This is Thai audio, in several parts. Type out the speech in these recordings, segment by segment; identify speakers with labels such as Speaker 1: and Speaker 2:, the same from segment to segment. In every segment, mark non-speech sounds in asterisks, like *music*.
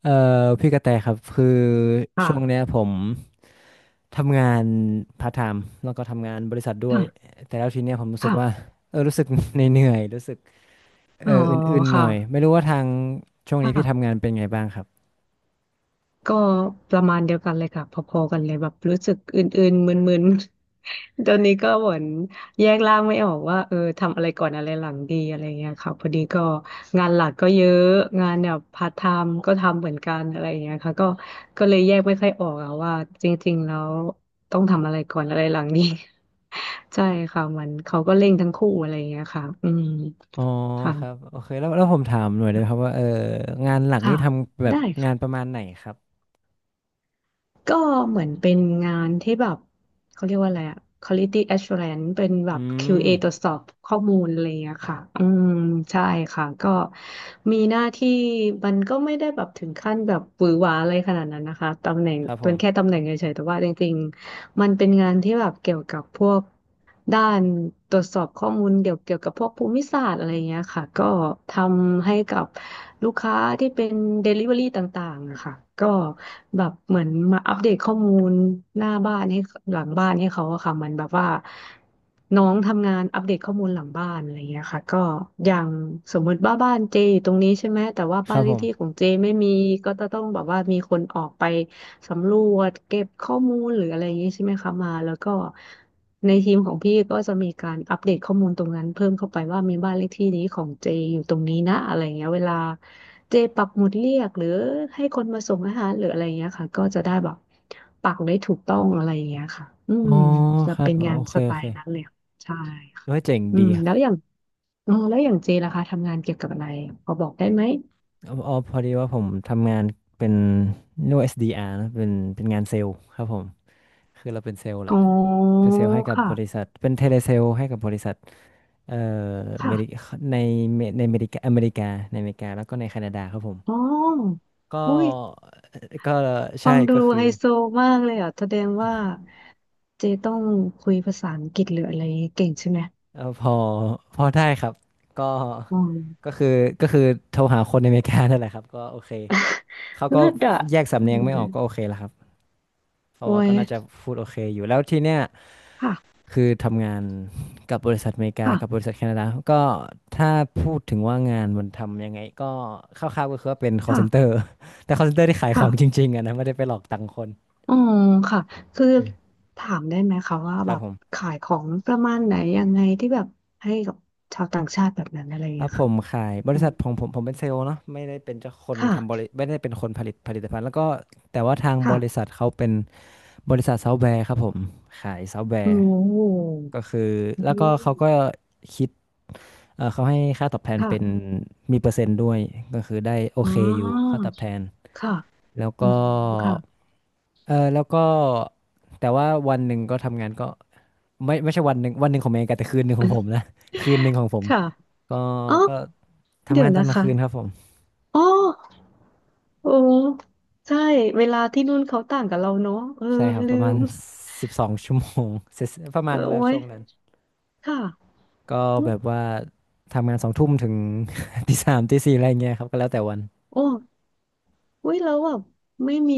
Speaker 1: เอ่อพี่กระแตครับคือช่วงเนี้ย
Speaker 2: ค่ะ
Speaker 1: ผมทำงานพาร์ทไทม์แล้วก็ทำงานบริษัทด้วย
Speaker 2: ค่ะ
Speaker 1: แต่แล้วทีเนี้ยผมรู้สึกว่า
Speaker 2: ค่ะ
Speaker 1: รู้สึกเหนื่อย *laughs* ๆรู้สึก
Speaker 2: อ๋อ
Speaker 1: อื่นๆห
Speaker 2: ค่ะ
Speaker 1: น่อยไม่รู้ว่าทางช่วงนี้พี่ทำงา
Speaker 2: ค่ะ
Speaker 1: นเป็นไงบ้างครับ
Speaker 2: ก็ประมาณเดียวกันเลยค่ะพอๆกันเลยแบบรู้สึกอื่นๆมึนๆ *laughs* ตอนนี้ก็เหมือนแยกร่างไม่ออกว่าทำอะไรก่อนอะไรหลังดีอะไรเงี้ยค่ะพอดีก็งานหลักก็เยอะงานแบบพาร์ทไทม์ก็ทำเหมือนกันอะไรเงี้ยค่ะก็ก็เลยแยกไม่ค่อยออกอะว่าจริงๆแล้วต้องทำอะไรก่อนอะไรหลังดี *laughs* ใช่ค่ะมันเขาก็เร่งทั้งคู่อะไรเงี้ยค่ะอืม
Speaker 1: อ๋อครับ
Speaker 2: ค่ะ
Speaker 1: โอเคแล้วผมถามหน่อยได้ไหมครับว่างานหลัก
Speaker 2: ค่ะ
Speaker 1: นี่ทำแบบ
Speaker 2: ได้
Speaker 1: งานประ
Speaker 2: ค่ะ
Speaker 1: มาณไหนครับ
Speaker 2: ก็เหมือนเป็นงานที่แบบเขาเรียกว่าอะไรอะ Quality Assurance เป็นแบ
Speaker 1: อื
Speaker 2: บ QA
Speaker 1: ม
Speaker 2: ตรวจสอบข้อมูลอะไรอย่างเงี้ยค่ะอืมใช่ค่ะก็มีหน้าที่มันก็ไม่ได้แบบถึงขั้นแบบหวือหวาอะไรขนาดนั้นนะคะตำแหน่ง
Speaker 1: ครับผ
Speaker 2: เป็
Speaker 1: ม
Speaker 2: นแค่ตำแหน่งเฉยๆแต่ว่าจริงๆ มันเป็นงานที่แบบเกี่ยวกับพวกด้านตรวจสอบข้อมูลเกี่ยวกับพวกภูมิศาสตร์อะไรเงี้ยค่ะก็ทำให้กับลูกค้าที่เป็น Delivery ต่างๆอะค่ะก็แบบเหมือนมาอัปเดตข้อมูลหน้าบ้านให้หลังบ้านให้เขาอะค่ะเหมันแบบว่าน้องทำงานอัปเดตข้อมูลหลังบ้านอะไรเงี้ยค่ะก็อย่างสมมติว่าบ้านเจอยู่ตรงนี้ใช่ไหมแต่ว่า
Speaker 1: ค
Speaker 2: บ้า
Speaker 1: รั
Speaker 2: น
Speaker 1: บ
Speaker 2: เล
Speaker 1: ผ
Speaker 2: ขที่ของ
Speaker 1: ม
Speaker 2: เจไม่มีก็จะต้องแบบว่ามีคนออกไป สำรวจเก็บข้อมูลหรืออะไรอย่างนี้ใช่ไหมคะมาแล้วก็ในทีมของพี่ก็จะมีการอัปเดตข้อมูลตรงนั้นเพิ่มเข้าไปว่ามีบ้านเลขที่นี้ของเจอยู่ตรงนี้นะอะไรอย่างเงี้ยเวลาเจปักหมุดเรียกหรือให้คนมาส่งอาหารหรืออะไรอย่างเงี้ยค่ะก็จะได้แบบปักได้ถูกต้องอะไรอย่างเงี้ยค่ะอื
Speaker 1: อ๋
Speaker 2: ม
Speaker 1: อ
Speaker 2: จะ
Speaker 1: ครับ
Speaker 2: เป็นงา
Speaker 1: โอ
Speaker 2: น
Speaker 1: เค
Speaker 2: สไต
Speaker 1: โอเค
Speaker 2: ล์นั้นเลยค่ะใช่ค่ะ
Speaker 1: ด้วยเจ๋ง
Speaker 2: อื
Speaker 1: ดี
Speaker 2: มแล้วอย่างอ๋อแล้วอย่างเจล่ะคะทำงานเกี่ยวกับอะไรพอบอกได้ไหม
Speaker 1: อ๋ออ๋อพอดีว่าผมทำงานเป็นเรียกว่า SDR นะเป็นงานเซลล์ครับผมคือเราเป็นเซลล์แห
Speaker 2: อ๋
Speaker 1: ละ
Speaker 2: อ
Speaker 1: เป็นเซลล์ให้กับบริ
Speaker 2: ค่ะ
Speaker 1: ษัทเป็นเทเลเซลล์ให้กับบริษัทเอ่อเม
Speaker 2: ค่ะ
Speaker 1: ริในเมในอเมริกาแล้วก็ในแคนาดาครับผม
Speaker 2: อ๋อ
Speaker 1: ก็
Speaker 2: อุ้ย
Speaker 1: ก็
Speaker 2: ฟั
Speaker 1: ใช่
Speaker 2: งดู
Speaker 1: ก็คือ
Speaker 2: ไฮโซมากเลยอ่ะแสดงว่าเจต้องคุยภาษาอังกฤษหรืออะไรเก่งใช่ไหม
Speaker 1: เอ่อพอพอได้ครับก็
Speaker 2: อื
Speaker 1: ก็
Speaker 2: ม
Speaker 1: คือก็คือโทรหาคนในอเมริกานั่นแหละครับก็โอเคเขาก็
Speaker 2: เลิศอ่ะ
Speaker 1: แยกสำ
Speaker 2: อื
Speaker 1: เนียงไม่
Speaker 2: ม
Speaker 1: ออกก็โอเคแล้วครับเพราะ
Speaker 2: โอ้
Speaker 1: ว่า
Speaker 2: ย
Speaker 1: ก็น่าจะพูดโอเคอยู่แล้วทีเนี้ย
Speaker 2: ค่ะ
Speaker 1: คือทำงานกับบริษัทอเมริกา
Speaker 2: ค่ะ
Speaker 1: กับบริษัทแคนาดาก็ถ้าพูดถึงว่างานมันทำยังไงก็คร่าวๆก็คือว่าเป็น call
Speaker 2: ค่ะ
Speaker 1: center *laughs* แต่ call center ที่ขายของจ
Speaker 2: ค่ะ
Speaker 1: ริงๆอะนะไม่ได้ไปหลอกตังค์คน
Speaker 2: อืมค่ะคือถามได้ไหมคะว่า
Speaker 1: ค
Speaker 2: แบ
Speaker 1: รับ
Speaker 2: บ
Speaker 1: ผม
Speaker 2: ขายของประมาณไหนยังไงที่แบบให้กับชาวต่างชาติแบบนั้นอะไรอย่าง
Speaker 1: แ้
Speaker 2: เงี้
Speaker 1: ว
Speaker 2: ย
Speaker 1: ผ
Speaker 2: ค่ะ
Speaker 1: มขายบ
Speaker 2: อื
Speaker 1: ริ
Speaker 2: ม
Speaker 1: ษัทของผมผมเป็นเซลล์เนาะไม่ได้เป็นเจ้าคน
Speaker 2: ค่ะ
Speaker 1: ทำบริไม่ได้เป็นคนผลิตผลิตภัณฑ์แล้วก็แต่ว่าทางบริษั
Speaker 2: ค่ะ
Speaker 1: ทเขาเป็นบริษัทซอฟต์แวร์ครับผมขายซอฟต์แว
Speaker 2: โอ้
Speaker 1: ร์
Speaker 2: โห
Speaker 1: ก็คือ
Speaker 2: อื
Speaker 1: แล้วก็เขาก็
Speaker 2: ม
Speaker 1: คิดเอ่อเขาให้ค่าตอบแทน
Speaker 2: ค่ะ
Speaker 1: เป็นมีเปอร์เซ็นต์ด้วยก็คือได้โอ
Speaker 2: อ๋อ
Speaker 1: เคอยู่ค่าตอบแทน
Speaker 2: ค่ะ
Speaker 1: แล้ว
Speaker 2: อืม
Speaker 1: ก็
Speaker 2: ค่ะ
Speaker 1: แล้วก็แต่ว่าวันหนึ่งก็ทำงานก็ไม่ใช่วันหนึ่งของเมย์แต่คืนหนึ่งของผมนะ *laughs* คืนหนึ่งของผม
Speaker 2: ค่ะ
Speaker 1: ก็
Speaker 2: อ๋อ
Speaker 1: ก็
Speaker 2: เดี๋
Speaker 1: ทำ
Speaker 2: ยว
Speaker 1: งานตอ
Speaker 2: นะ
Speaker 1: นกลาง
Speaker 2: คะ
Speaker 1: คืนครับผม
Speaker 2: อ๋อโอ้ใช่เวลาที่นู่นเขาต่างกับเราเนาะ
Speaker 1: ใช่ครับป
Speaker 2: ลื
Speaker 1: ระมาณ
Speaker 2: ม
Speaker 1: 12 ชั่วโมง *laughs* เสร็จประมาณนั้นแหล้
Speaker 2: โอ้
Speaker 1: ว
Speaker 2: ย
Speaker 1: ช่วงนั้น
Speaker 2: ค่ะ
Speaker 1: ก็
Speaker 2: อื
Speaker 1: แบ
Speaker 2: ม
Speaker 1: บว่าทำงานสองทุ่มถึง *laughs* ตีสามตีสี่อะไรเงี้ยครับก็แล้วแต่วัน
Speaker 2: โอ้อุ้ยแล้วแบบไม่มี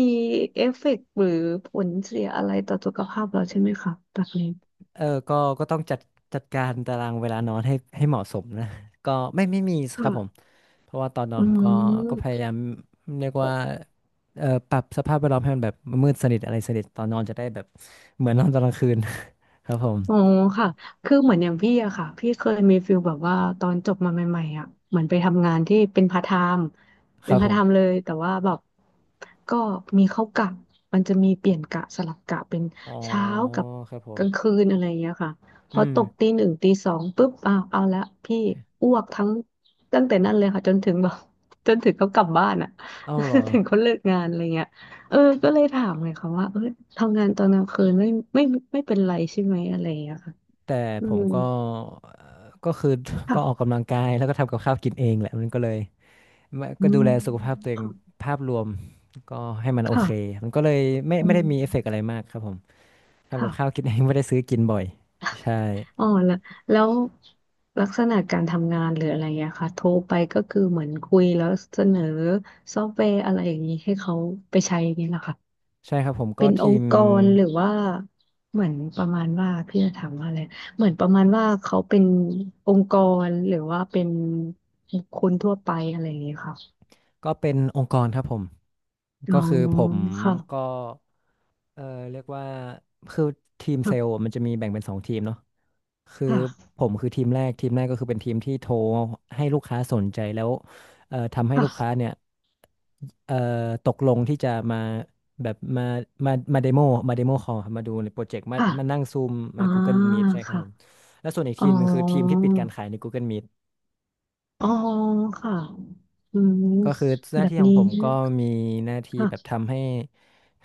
Speaker 2: เอฟเฟกต์หรือผลเสียอะไรต่อสุขภาพเราใช่ไหมคะแบบนี้
Speaker 1: ก็ต้องจัดการตารางเวลานอนให้เหมาะสมนะก็ไม่มีครับผม
Speaker 2: ค่ะ
Speaker 1: เพราะว่าตอนนอน
Speaker 2: อื
Speaker 1: ผมก็พยา
Speaker 2: ม
Speaker 1: ยามเรียกว่าปรับสภาพแวดล้อมให้มันแบบมืดสนิทอะไรสนิทตอนนอนจะได้แบบเหมือนนอนตอนกลางคืน *laughs* ครับผม
Speaker 2: อ๋อค่ะคือเหมือนอย่างพี่อะค่ะพี่เคยมีฟิลแบบว่าตอนจบมาใหม่ๆอะเหมือนไปทำงานที่เป็นพาร์ทไทม์
Speaker 1: ค
Speaker 2: เป็
Speaker 1: รั
Speaker 2: น
Speaker 1: บ
Speaker 2: พา
Speaker 1: ผ
Speaker 2: ร์ทไทม์
Speaker 1: ม
Speaker 2: เลยแต่ว่าแบบก็มีเข้ากะมันจะมีเปลี่ยนกะสลับกะเป็น
Speaker 1: อ๋อ
Speaker 2: เช้ากับ
Speaker 1: ครับผ
Speaker 2: ก
Speaker 1: ม
Speaker 2: ลางคืนอะไรอย่างเงี้ยค่ะพอ
Speaker 1: อืม
Speaker 2: ตกตีหนึ่งตีสองปุ๊บอ้าวเอาละพี่อ้วกทั้งตั้งแต่นั้นเลยค่ะจนถึงแบบ *laughs* จนถึงเขากลับบ้านอะ
Speaker 1: เอาเหรอ
Speaker 2: *laughs* ถึงเขาเลิกงานอะไรเงี้ย เออก็เลยถามเลยค่ะว่าทำงานตอนกลางคืนไม่ไม่เป็นไรใช่ไหมอะไรอย่างเงี้ยค่ะ
Speaker 1: แต่
Speaker 2: อื
Speaker 1: ผม
Speaker 2: ม
Speaker 1: ก็ก็คือก็ออก
Speaker 2: ค่ะ
Speaker 1: กำลังกายแล้วก็ทำกับข้าวกินเองแหละมันก็เลยไม่
Speaker 2: อื
Speaker 1: ก็ดู
Speaker 2: ม
Speaker 1: แลสุขภาพตัวเอง
Speaker 2: ค่ะ
Speaker 1: ภาพรวมก็ให้มันโอเค
Speaker 2: ค่ะ
Speaker 1: มันก็เลยไม่
Speaker 2: อื
Speaker 1: ไม่ได้
Speaker 2: ม
Speaker 1: มีเอฟเฟกต์อะไรมากครับผมทำกั
Speaker 2: ค่ะ
Speaker 1: บข้าวกินเองไม่ได้ซื้อกินบ่อยใช่
Speaker 2: อ๋อแล้วลักษณะการทำงานหรืออะไรอย่างเงี้ยค่ะโทรไปก็คือเหมือนคุยแล้วเสนอซอฟต์แวร์อะไรอย่างนี้ให้เขาไปใช้อย่างนี้เหรอค่ะ
Speaker 1: ใช่ครับผมก็
Speaker 2: เป็นอ
Speaker 1: ที
Speaker 2: ง
Speaker 1: ม
Speaker 2: ค์กรหรือว่าเหมือนประมาณว่าพี่จะถามว่าอะไรเหมือนประมาณว่าเขาเป็นองค์กรหรือว่าเป็นคนทั่วไปอะไรอย่างเงี้ยค่ะ
Speaker 1: ก็เป็นองค์กรครับผม
Speaker 2: อ๋อ
Speaker 1: ก็คือผม
Speaker 2: ค่ะ
Speaker 1: ก็เออเรียกว่าคือทีมเซลล์
Speaker 2: ค่ะ
Speaker 1: มันจะมีแบ่งเป็นสองทีมเนาะคือ
Speaker 2: ค่ะ
Speaker 1: ผมคือทีมแรก ทีมแรกก็คือเป็นทีมที่โทรให้ลูกค้าสนใจแล้วทำให้ลูกค้า
Speaker 2: ค่ะ
Speaker 1: เนี่ยเอ่อตกลงที่จะมาแบบมาเดโมคอลมาดูในโปรเจกต์มา
Speaker 2: ค่ะ
Speaker 1: มานั่งซูม
Speaker 2: อ่า
Speaker 1: มา Google Meet ใช่ครับ
Speaker 2: ค่ะ
Speaker 1: ผม แล้วส่วนอีก
Speaker 2: อ๋อ
Speaker 1: ทีมหนึงคือทีมที่ปิดการขายใน Google Meet
Speaker 2: อ๋อค่ะอืม
Speaker 1: ก็คือหน้า
Speaker 2: แบบ
Speaker 1: ที่ของ
Speaker 2: นี้
Speaker 1: ผมก็มีหน้าที่แบบ
Speaker 2: ค่ะ
Speaker 1: ทำให้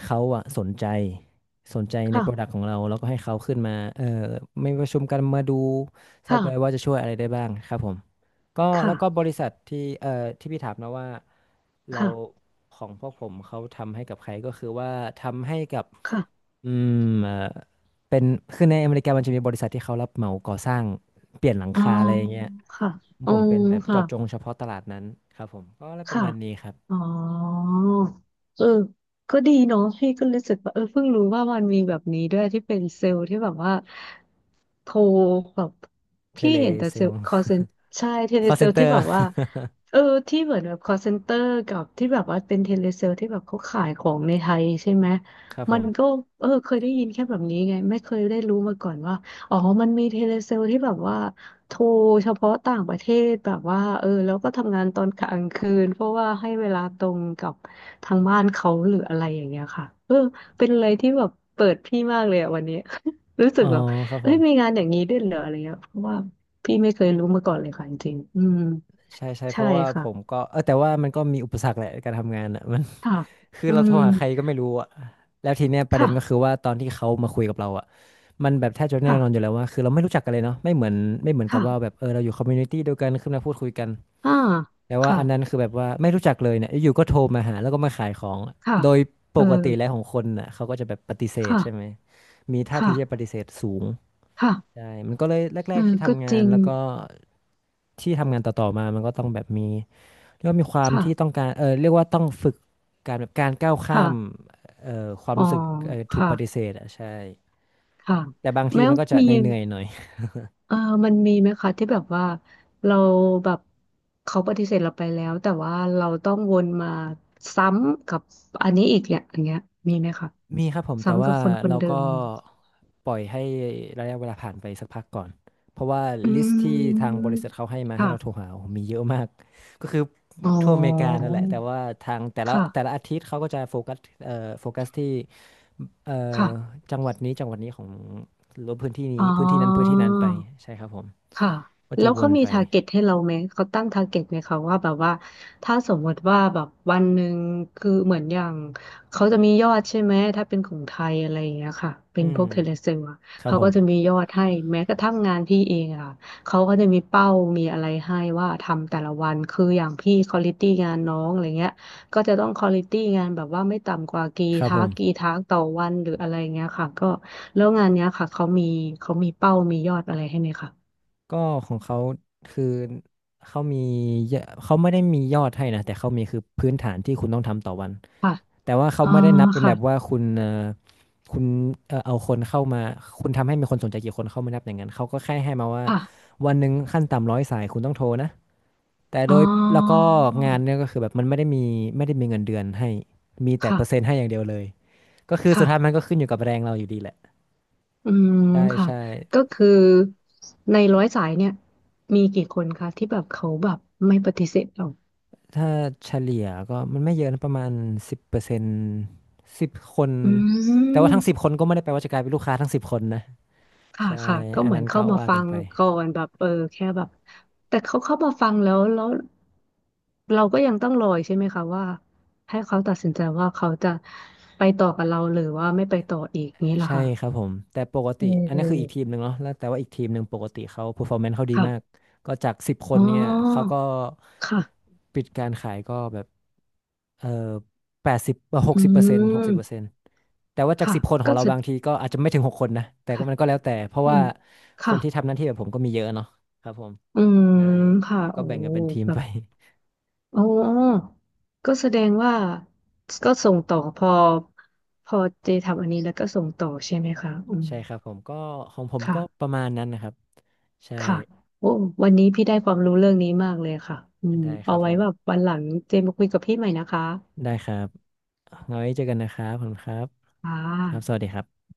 Speaker 1: เขาอะสนใจในโปรดัก
Speaker 2: ค่ะ
Speaker 1: ต์ของเราแล้วก็ให้เขาขึ้นมาไม่ประชุมกันมาดูซอฟต์แวร์ว่า
Speaker 2: ค่ะ
Speaker 1: จะช่วยอะไรได้บ้างครับผมก็แล้วก็บ
Speaker 2: ค่ะ
Speaker 1: ริษัทที่เอ่อที่พี่ถามนะว่าเรา
Speaker 2: ค่ะ
Speaker 1: ของพวกผมเขาทำให้กับใครก็คือว่าทำให้กับ
Speaker 2: ค่ะ
Speaker 1: อืมเอ่อเป็นคือในอเมริกามันจะมีบริษัทที่เขารับเหมาก่อสร้างเปลี่ยนหลัง
Speaker 2: อ๋อ
Speaker 1: คาอะไรอย่างเงี้ย
Speaker 2: ค่ะอ๋
Speaker 1: ผ
Speaker 2: อ
Speaker 1: มเป็นแบบ
Speaker 2: ค่ะ
Speaker 1: เจาะจงเฉพาะตลาดนั้นครับผมก็อะไรประ
Speaker 2: ค่ะ
Speaker 1: มาณนี้ครับ
Speaker 2: อ๋อเออก็ดีเนาะพี่ก็รู้สึกว่าเพิ่งรู้ว่ามันมีแบบนี้ด้วยที่เป็นเซลล์ที่แบบว่าโทรแบบ
Speaker 1: เท
Speaker 2: พี่
Speaker 1: เล
Speaker 2: เห็นแต่
Speaker 1: เซ
Speaker 2: เซล
Speaker 1: ล
Speaker 2: ล์คอลเซ็นใช่เทเล
Speaker 1: call
Speaker 2: เซลที่แบบ
Speaker 1: center
Speaker 2: ว่า
Speaker 1: *laughs*
Speaker 2: เออที่เหมือนแบบคอลเซ็นเตอร์กับที่แบบว่าเป็นเทเลเซลที่แบบเขาขายของในไทยใช่ไหม
Speaker 1: ครับผ
Speaker 2: มันก็
Speaker 1: ม
Speaker 2: เคยได้ยินแค่แบบนี้ไงไม่เคยได้รู้มาก่อนว่าอ๋อมันมีเทเลเซลที่แบบว่า โทรเฉพาะต่างประเทศแบบว่าแล้วก็ทำงานตอนกลางคืนเพราะว่าให้เวลาตรงกับทางบ้านเขาหรืออะไรอย่างเงี้ยค่ะเป็นอะไรที่แบบเปิดพี่มากเลยอะวันนี้ *laughs* รู้สึ
Speaker 1: อ๋
Speaker 2: ก
Speaker 1: อ
Speaker 2: แบบ
Speaker 1: ครับผ
Speaker 2: เอ้ยมี
Speaker 1: ม
Speaker 2: งานอย่างนี้ด้วยเหรออะไรเงี้ยเพราะว่าพี่ไม่เคยรู้มาก่อนเลยค่ะจริงๆอืม
Speaker 1: ใช่ใช่เพ
Speaker 2: ใช่
Speaker 1: ราะว่าผม
Speaker 2: ค่ะ
Speaker 1: ก็แต่ว่ามันก็มีอุปสรรคแหละการทำงานอ่ะ *laughs* มัน
Speaker 2: ค่ะ
Speaker 1: *laughs* คือ
Speaker 2: อื
Speaker 1: เราโทร
Speaker 2: ม
Speaker 1: หาใครก็ไม่รู้อ่ะแล้วทีเนี้ยประเด็นก็คือ
Speaker 2: ค่ะ
Speaker 1: ว่าตอนที่เขามาคุยกับเราอ่ะมันแบบแทบจะแน่
Speaker 2: ค่ะ
Speaker 1: นอนอยู่แล้วว่าคือเราไม่รู้จักกันเลยเนาะไม่เหมือนกับว่าแบ
Speaker 2: ค่ะ
Speaker 1: บเราอยู่คอมมูนิตี้เดียวกันขึ้นมาพูดคุยกัน
Speaker 2: อ่า
Speaker 1: แต่ว่า
Speaker 2: ค่ะ
Speaker 1: อันนั้นคือแบบว่าไม่รู้จักเลยเนี่ยอยู่ก็โทรมาหาแล้วก็มาขายของอะ
Speaker 2: ค่ะ
Speaker 1: โดยป
Speaker 2: เออ
Speaker 1: กติแล้วของคนน่ะเขาก็จะแบบปฏิเสธใช่ไหม
Speaker 2: ค่ะ
Speaker 1: มีท่าที
Speaker 2: ค่ะ
Speaker 1: ที่จะปฏิเสธสูง
Speaker 2: ค่ะ
Speaker 1: ใช่มันก็เลยแร
Speaker 2: เอ
Speaker 1: กๆ
Speaker 2: อ
Speaker 1: ที่
Speaker 2: ก็
Speaker 1: ทำงา
Speaker 2: จ
Speaker 1: น
Speaker 2: ริง
Speaker 1: แล้วก็ที่ทำงานต่อๆมามันก็ต้องแบบมีเรียกว่ามีความที่ต้อ
Speaker 2: ค่ะ
Speaker 1: งการเรียกว่าต้องฝึกการแบบการก้าวข้า
Speaker 2: ค่ะ
Speaker 1: มเอ่อความ
Speaker 2: อ๋อ
Speaker 1: รู้สึกถูก
Speaker 2: ค่ะ
Speaker 1: ปฏิเสธอ่ะใช่
Speaker 2: ค่ะ
Speaker 1: แต่บางที
Speaker 2: แล้ว
Speaker 1: มันก็จะ
Speaker 2: มี
Speaker 1: เหนื่อยๆหน่อย
Speaker 2: เอ่อมันมีไหมคะที่แบบว่าเราแบบเขาปฏิเสธเราไปแล้วแต่ว่าเราต้องวนมาซ้ำกับอันนี้อีกเนี่ยอย่างเงี้ยมีไหมคะ
Speaker 1: มีครับผมแต่
Speaker 2: ซ้ำกั
Speaker 1: ว่า
Speaker 2: บคนคน
Speaker 1: เรา
Speaker 2: เดิ
Speaker 1: ก็
Speaker 2: ม
Speaker 1: ปล่อยให้ระยะเวลาผ่านไปสักพักก่อนเพราะว่า
Speaker 2: อื
Speaker 1: ลิสต์ที่ทางบ
Speaker 2: ม
Speaker 1: ริษัทเขาให้มาให้
Speaker 2: ค่ะ
Speaker 1: เราโทรหาโอ้โหมีเยอะมากก็คือ
Speaker 2: อ๋
Speaker 1: ทั่วอเมริกา
Speaker 2: อ
Speaker 1: นั่นแหละแต่ว่าทางแต่ละแต่
Speaker 2: ค่ะ
Speaker 1: ละอาทิตย์เขาก็จะโฟกัสเอ่อโฟกัสที่เอ่อ
Speaker 2: ค่ะ
Speaker 1: จังหวัดนี้จังหวัดนี้ของหรือว่าพื้นที่
Speaker 2: อ๋
Speaker 1: นี้
Speaker 2: อ
Speaker 1: พื้นที่นั้นพื้นที่นั้นไปใช่ครับผม
Speaker 2: ค่ะ
Speaker 1: ก็
Speaker 2: แล้
Speaker 1: จะ
Speaker 2: ว
Speaker 1: ว
Speaker 2: เขา
Speaker 1: น
Speaker 2: มี
Speaker 1: ไป
Speaker 2: ทาร์เก็ตให้เราไหมเขาตั้งทาร์เก็ตไหมคะว่าแบบว่า ถ้าสมมติว่าแบบวันหนึ่งคือเหมือนอย่าง เขาจะมียอดใช่ไหม ถ้าเป็นของไทยอะไรอย่างเงี้ยค่ะเป็น
Speaker 1: อื
Speaker 2: พวกเทเล
Speaker 1: ม
Speaker 2: เซลอะ
Speaker 1: ครับ
Speaker 2: เขา
Speaker 1: ผ
Speaker 2: ก็
Speaker 1: ม
Speaker 2: จะมียอดให้แม้กระทั่งงานพี่เองอะเขาก็จะมีเป้ามีอะไรให้ว่าทำแต่ละวันคืออย่างพี่ควอลิตี้งานน้องอะไรเงี้ยก็จะต้องควอลิตี้งานแบบว่าไม่ต่ำกว่ากี่
Speaker 1: ครับ
Speaker 2: ทั
Speaker 1: ผ
Speaker 2: ก
Speaker 1: ม
Speaker 2: กี่ทักต่อวันหรืออะไรเงี้ยค่ะก็แล้วงานเนี้ยค่ะเขามีเป้ามียอดอะไรให้ไหมคะ
Speaker 1: ก็ของเขาคือเขามีเยอะเขาไม่ได้มียอดให้นะแต่เขามีคือพื้นฐานที่คุณต้องทำต่อวัน
Speaker 2: ค่ะ
Speaker 1: แต่ว่าเขา
Speaker 2: อ๋อ
Speaker 1: ไม่ได้นับเป็น
Speaker 2: ค่ะ
Speaker 1: แบบว่าคุณเอาคนเข้ามาคุณทำให้มีคนสนใจกี่คนเขาไม่นับอย่างนั้นเขาก็แค่ให้มาว่า
Speaker 2: ค่ะ
Speaker 1: วันหนึ่งขั้นต่ำ100 สายคุณต้องโทรนะแต่
Speaker 2: อ๋
Speaker 1: โดยแล้วก็
Speaker 2: อ
Speaker 1: งานเนี่ยก็คือแบบมันไม่ได้มีเงินเดือนให้มีแต่
Speaker 2: ค่ะ
Speaker 1: เปอร์เซ็นต์ให้อย่างเดียวเลยก็คือสุด
Speaker 2: ค่ะ
Speaker 1: ท้ายมันก็ขึ้นอยู่กับแรงเราอยู่ดีแหละ
Speaker 2: อืม
Speaker 1: ใช่
Speaker 2: ค่ะ
Speaker 1: ใช่
Speaker 2: ก็คือในร้อยสายเนี่ยมีกี่คนคะที่แบบเขาแบบไม่ปฏิเสธเรา
Speaker 1: ถ้าเฉลี่ยก็มันไม่เยอะนะประมาณสิบเปอร์เซ็นต์สิบคน
Speaker 2: อื
Speaker 1: แต่ว่าทั้งสิบ
Speaker 2: ม
Speaker 1: คนก็ไม่ได้แปลว่าจะกลายเป็นลูกค้าทั้งสิบคนนะ
Speaker 2: ค่ะ
Speaker 1: ใช่
Speaker 2: ค่ะก็
Speaker 1: อั
Speaker 2: เห
Speaker 1: น
Speaker 2: มือ
Speaker 1: นั้
Speaker 2: น
Speaker 1: น
Speaker 2: เข้า
Speaker 1: ก็
Speaker 2: มา
Speaker 1: ว่า
Speaker 2: ฟั
Speaker 1: กัน
Speaker 2: ง
Speaker 1: ไป
Speaker 2: ก่อนแบบเออแค่แบบแต่เขาเข้ามาฟังแล้วเราก็ยังต้องรออีกใช่ไหมคะว่าให้เขาตัดสินใจว่าเขาจะไปต่อกับเราหรือว่าไม่ไปต่ออีกนี้ล่ะ
Speaker 1: ใช่
Speaker 2: ค่ะ
Speaker 1: ครับผมแต่ปก
Speaker 2: อื
Speaker 1: ติอันนี้คืออีกทีม
Speaker 2: ม
Speaker 1: หนึ่งเนาะแล้วแต่ว่าอีกทีมหนึ่งปกติเขา performance เขาดีมาก
Speaker 2: ค่ะ
Speaker 1: ก็จากสิบค
Speaker 2: อ๋
Speaker 1: นเนี่ยเขา
Speaker 2: อ
Speaker 1: ก็
Speaker 2: ค่ะ
Speaker 1: ปิดการขายก็แบบเอ่อ80หก
Speaker 2: อื
Speaker 1: สิบเปอร์เซ็นต์หกสิบเปอร์เซ็
Speaker 2: ม
Speaker 1: นต์แต่ว่าจาก
Speaker 2: ค่ะ
Speaker 1: สิบคนขอ
Speaker 2: ก็
Speaker 1: งเรา
Speaker 2: จะ
Speaker 1: บางทีก็อาจจะไม่ถึง6 คนนะแต่ก็
Speaker 2: ค่ะ
Speaker 1: มันก็แล้วแต่เพราะ
Speaker 2: อื
Speaker 1: ว่า
Speaker 2: ม
Speaker 1: ค
Speaker 2: ค่ะ
Speaker 1: นที่ทำหน้าที่แบบผมก็มีเยอะเนาะครับผม
Speaker 2: อืม
Speaker 1: ใช่
Speaker 2: ค่ะ
Speaker 1: ก็
Speaker 2: โอ้
Speaker 1: แบ่งกันเป็นทีม
Speaker 2: แบ
Speaker 1: ไป
Speaker 2: บ
Speaker 1: *laughs*
Speaker 2: อ๋อก็แสดงว่าก็ส่งต่อพอ พอเจทำอันนี้แล้วก็ส่งต่อใช่ไหมคะอืม
Speaker 1: ใช่ครับผมก็ของผม
Speaker 2: ค่ะ
Speaker 1: ก็ประมาณนั้นนะครับใช่
Speaker 2: ค่ะโอ้วันนี้พี่ได้ความรู้เรื่องนี้มากเลยค่ะอืม
Speaker 1: ได้ค
Speaker 2: เอา
Speaker 1: รับผ
Speaker 2: ไว้
Speaker 1: ม
Speaker 2: แบบวันหลังเจมาคุยกับพี่ใหม่นะคะ
Speaker 1: ได้ครับเอาไว้เจอกันนะครับขอบคุณครับ
Speaker 2: ค่ะ
Speaker 1: ครับสวัสดีครับ